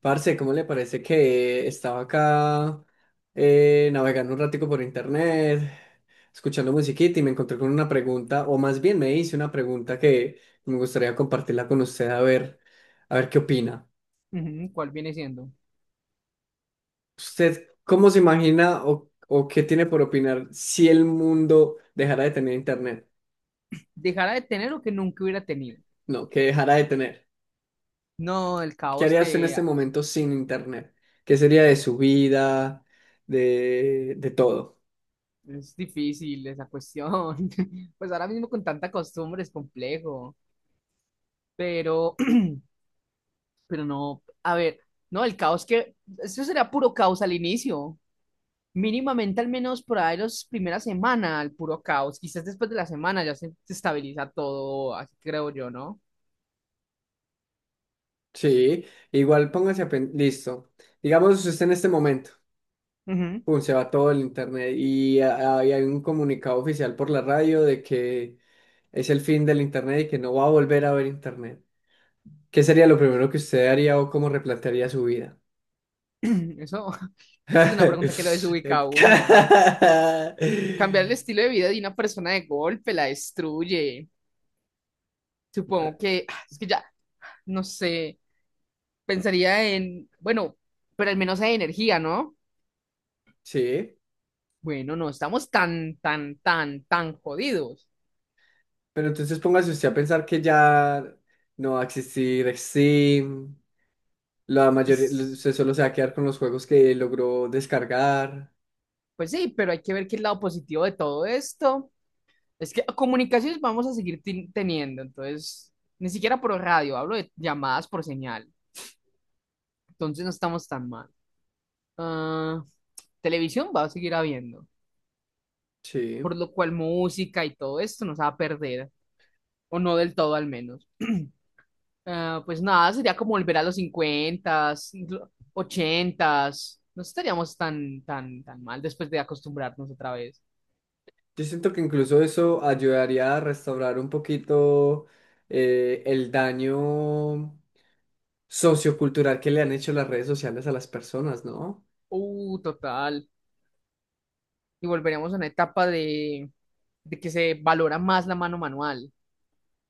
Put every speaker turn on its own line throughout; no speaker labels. Parce, ¿cómo le parece que estaba acá navegando un ratico por internet, escuchando musiquita y me encontré con una pregunta, o más bien me hice una pregunta que me gustaría compartirla con usted a ver qué opina.
Ujú, ¿cuál viene siendo?
¿Usted cómo se imagina o qué tiene por opinar si el mundo dejara de tener internet?
Dejará de tener lo que nunca hubiera tenido.
No, que dejara de tener.
No, el
¿Qué
caos.
haría usted en
Que
este momento sin internet? ¿Qué sería de su vida, de todo?
es difícil esa cuestión. Pues ahora mismo con tanta costumbre es complejo. Pero, pero no, a ver, no, el caos, que, eso será puro caos al inicio. Mínimamente al menos por ahí las primeras semanas, el puro caos. Quizás después de la semana ya se estabiliza todo, así creo yo, ¿no?
Sí, igual listo. Digamos, usted en este momento,
Ujú.
pum, se va todo el internet y hay un comunicado oficial por la radio de que es el fin del internet y que no va a volver a haber internet. ¿Qué sería lo primero que usted haría o cómo replantearía su vida?
Eso, eso es una pregunta que lo desubica a uno. Cambiar el estilo de vida de una persona de golpe la destruye. Supongo que, es que ya, no sé, pensaría en, bueno, pero al menos hay energía, ¿no?
Sí,
Bueno, no estamos tan, tan, tan, tan jodidos.
pero entonces póngase usted a pensar que ya no va a existir Steam. La mayoría
Quiz-
se solo se va a quedar con los juegos que logró descargar.
Pues sí, pero hay que ver qué es el lado positivo de todo esto. Es que comunicaciones vamos a seguir teniendo, entonces, ni siquiera por radio, hablo de llamadas por señal. Entonces no estamos tan mal. Ah, Televisión va a seguir habiendo,
Sí.
por lo cual música y todo esto nos va a perder, o no del todo al menos. Ah, pues nada, sería como volver a los 50s. No estaríamos tan, tan, tan mal después de acostumbrarnos otra vez.
Yo siento que incluso eso ayudaría a restaurar un poquito el daño sociocultural que le han hecho las redes sociales a las personas, ¿no?
Total. Y volveremos a una etapa de que se valora más la mano manual,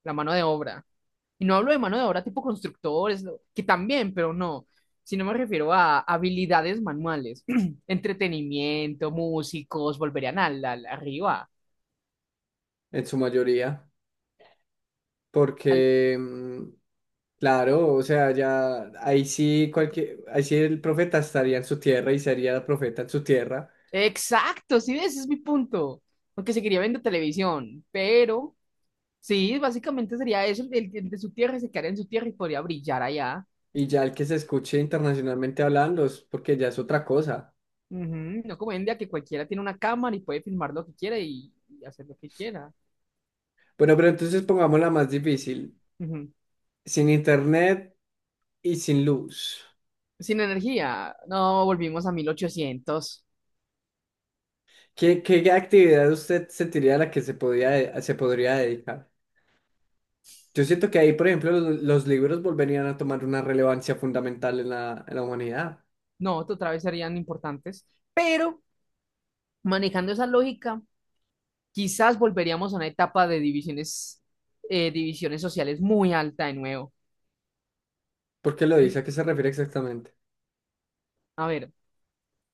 la mano de obra. Y no hablo de mano de obra tipo constructores, no, que también, pero no, sino me refiero a habilidades manuales, entretenimiento, músicos, volverían arriba.
En su mayoría.
al-
Porque, claro, o sea, ahí sí el profeta estaría en su tierra y sería el profeta en su tierra.
Exacto, sí, ese es mi punto. Aunque seguiría viendo televisión, pero sí, básicamente sería eso, el de su tierra se quedaría en su tierra y podría brillar allá.
Y ya el que se escuche internacionalmente hablando es porque ya es otra cosa.
Ujú, no como hoy en día que cualquiera tiene una cámara y puede filmar lo que quiera y hacer lo que quiera.
Bueno, pero entonces pongámosla más difícil.
Ujú.
Sin internet y sin luz.
Sin energía, no volvimos a mil ochocientos.
¿Qué actividad usted sentiría a la que se podría dedicar? Yo siento que ahí, por ejemplo, los libros volverían a tomar una relevancia fundamental en la humanidad.
No, otra vez serían importantes. Pero manejando esa lógica, quizás volveríamos a una etapa de divisiones, divisiones sociales muy alta de nuevo.
¿Por qué lo dice? ¿A qué se refiere exactamente?
A ver,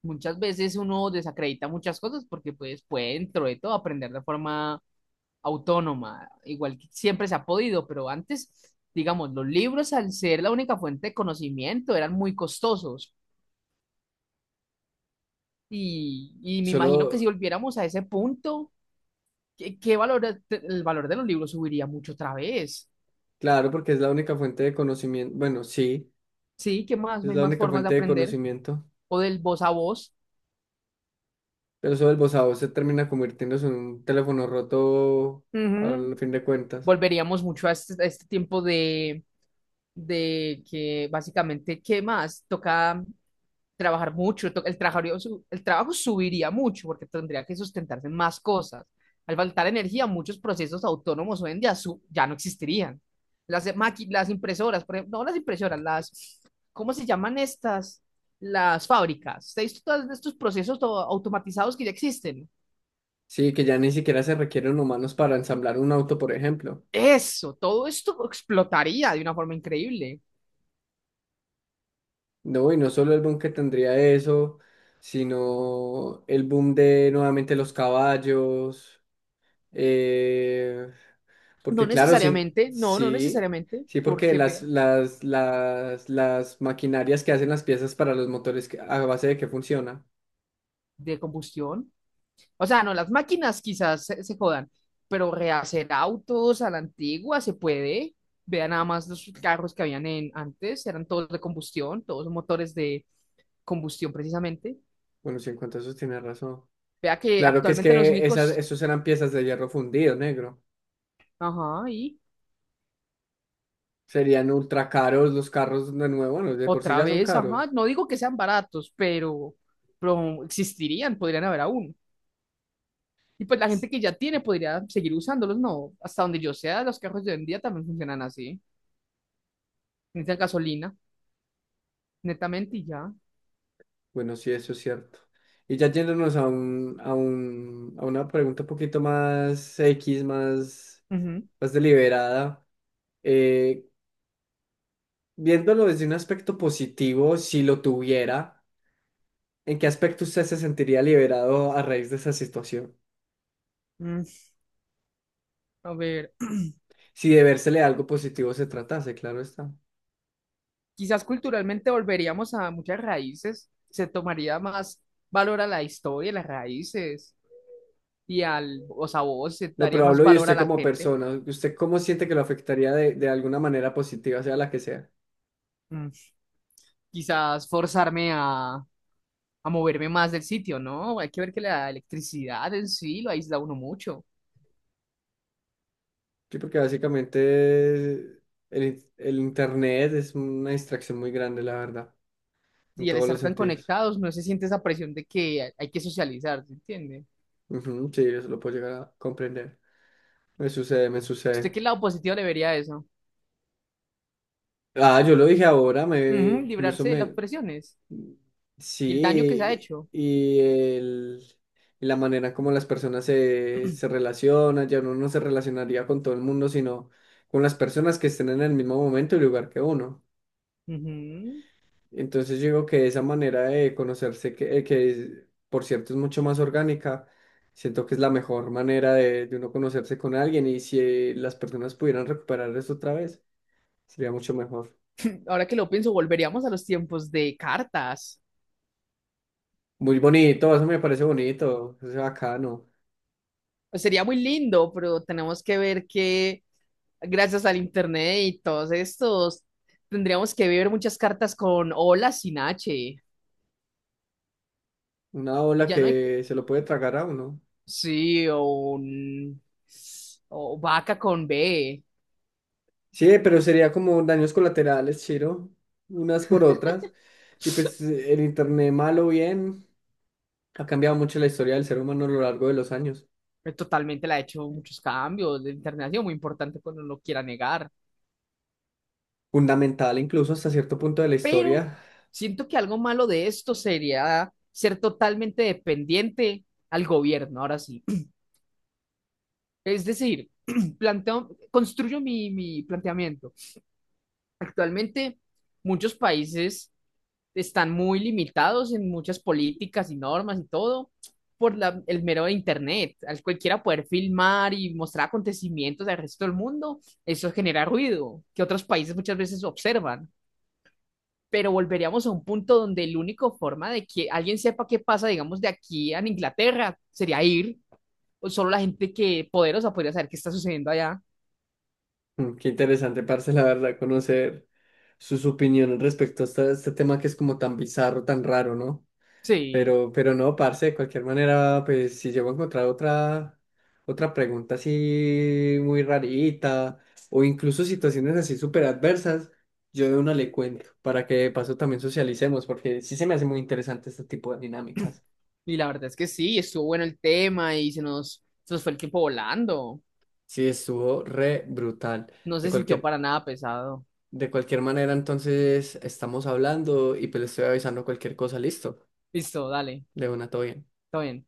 muchas veces uno desacredita muchas cosas porque pues puede dentro de todo aprender de forma autónoma, igual que siempre se ha podido, pero antes, digamos, los libros al ser la única fuente de conocimiento eran muy costosos y me imagino que si
Solo,
volviéramos a ese punto, ¿qué, qué valor, el valor de los libros subiría mucho otra vez?
claro, porque es la única fuente de conocimiento. Bueno, sí,
Sí, ¿qué más?
es
No hay
la
más
única
formas de
fuente de
aprender
conocimiento.
o del voz a voz.
Pero eso del voz a voz se termina convirtiéndose en un teléfono roto
Ujú.
al fin de cuentas.
Volveríamos mucho a este tiempo de que básicamente, ¿qué más? Toca trabajar mucho, el trabajo subiría mucho porque tendría que sustentarse en más cosas. Al faltar energía, muchos procesos autónomos hoy en día ya no existirían. Las, las impresoras, por ejemplo, no las impresoras, las, ¿cómo se llaman estas? Las fábricas. ¿Ustedes visto todos estos procesos automatizados que ya existen?
Sí, que ya ni siquiera se requieren humanos para ensamblar un auto, por ejemplo.
Eso, todo esto explotaría de una forma increíble.
No, y no solo el boom que tendría eso, sino el boom de nuevamente los caballos. eh,
No
Porque claro,
necesariamente, no, no necesariamente,
sí, porque
porque
las,
vea,
las, las, las maquinarias que hacen las piezas para a base de qué funciona.
de combustión. O sea, no, las máquinas quizás se jodan, pero rehacer autos a la antigua se puede. Vean nada más los carros que habían en, antes, eran todos de combustión, todos motores de combustión precisamente.
Bueno, sí, en cuanto a eso tienes razón.
Vea que
Claro que es
actualmente los
que
únicos,
esos eran piezas de hierro fundido, negro.
ajá, y
Serían ultra caros los carros de nuevo. Bueno, de por sí
otra
ya son
vez, ajá,
caros.
no digo que sean baratos, pero existirían, podrían haber aún. Y pues la gente que ya tiene podría seguir usándolos, no. Hasta donde yo sea, los carros de hoy en día también funcionan así. Necesitan gasolina, netamente, y ya.
Bueno, sí, eso es cierto. Y ya yéndonos a una pregunta un poquito más X, más, más deliberada. eh, Viéndolo desde un aspecto positivo, si lo tuviera, ¿en qué aspecto usted se sentiría liberado a raíz de esa situación?
Ujú. A ver,
Si de vérsele algo positivo se tratase, claro está.
quizás culturalmente volveríamos a muchas raíces, se tomaría más valor a la historia, las raíces y al, o sea, vos se
No,
daría
pero
más
hablo de
valor a
usted
la
como
gente.
persona. ¿Usted cómo siente que lo afectaría de alguna manera positiva, sea la que sea?
Mm, Quizás forzarme a moverme más del sitio, ¿no? Hay que ver que la electricidad en sí lo aísla a uno mucho.
Sí, porque básicamente el internet es una distracción muy grande, la verdad, en
Y al
todos los
estar tan
sentidos.
conectados, no se siente esa presión de que hay que socializar, ¿se entiende?
Ujú, sí, eso lo puedo llegar a comprender. Me sucede, me
¿Usted
sucede.
qué lado positivo le vería a eso?
Ah, yo lo dije ahora, me
Ujú,
incluso
librarse de las
me...
presiones y el daño que se ha
Sí,
hecho.
y la manera como las personas se relacionan, ya uno no se relacionaría con todo el mundo, sino con las personas que estén en el mismo momento y lugar que uno.
Ujú.
Entonces yo digo que esa manera de conocerse, que es, por cierto, es mucho más orgánica, siento que es la mejor manera de uno conocerse con alguien, y si las personas pudieran recuperar eso otra vez, sería mucho mejor.
Ahora que lo pienso, volveríamos a los tiempos de cartas.
Muy bonito, eso me parece bonito, eso es bacano.
Pues sería muy lindo, pero tenemos que ver que gracias al internet y todos estos, tendríamos que ver muchas cartas con hola sin H.
Una ola
Ya no hay... que-
que se lo puede tragar a uno.
Sí, o un- o vaca con B.
Sí, pero sería como daños colaterales, Chiro, unas por otras. Y pues el internet, malo o bien, ha cambiado mucho la historia del ser humano a lo largo de los años.
Totalmente le ha hecho muchos cambios. El internet ha sido muy importante cuando no lo quiera negar,
Fundamental incluso hasta cierto punto de la
pero
historia.
siento que algo malo de esto sería ser totalmente dependiente al gobierno, ahora sí. Es decir, planteo, construyo mi planteamiento. Actualmente, muchos países están muy limitados en muchas políticas y normas y todo por la- el mero de internet. Al cualquiera poder filmar y mostrar acontecimientos del resto del mundo, eso genera ruido que otros países muchas veces observan, pero volveríamos a un punto donde la única forma de que alguien sepa qué pasa, digamos, de aquí a Inglaterra sería ir. O solo la gente que poderosa podría saber qué está sucediendo allá.
Mm, qué interesante, parce, la verdad, conocer sus opiniones respecto a tema que es como tan bizarro, tan raro, ¿no?
Sí,
Pero no, parce, de cualquier manera, pues si llego a encontrar otra pregunta así muy rarita o incluso situaciones así súper adversas, yo de una le cuento para que de paso también socialicemos, porque sí se me hace muy interesante este tipo de dinámicas.
y la verdad es que sí, estuvo bueno el tema y se nos fue el tiempo volando.
Sí, estuvo re brutal.
No
De
se sintió
cualquier
para nada pesado.
De cualquier manera, entonces estamos hablando y pues le estoy avisando cualquier cosa, listo.
Listo, dale,
De una, todo bien.
está bien.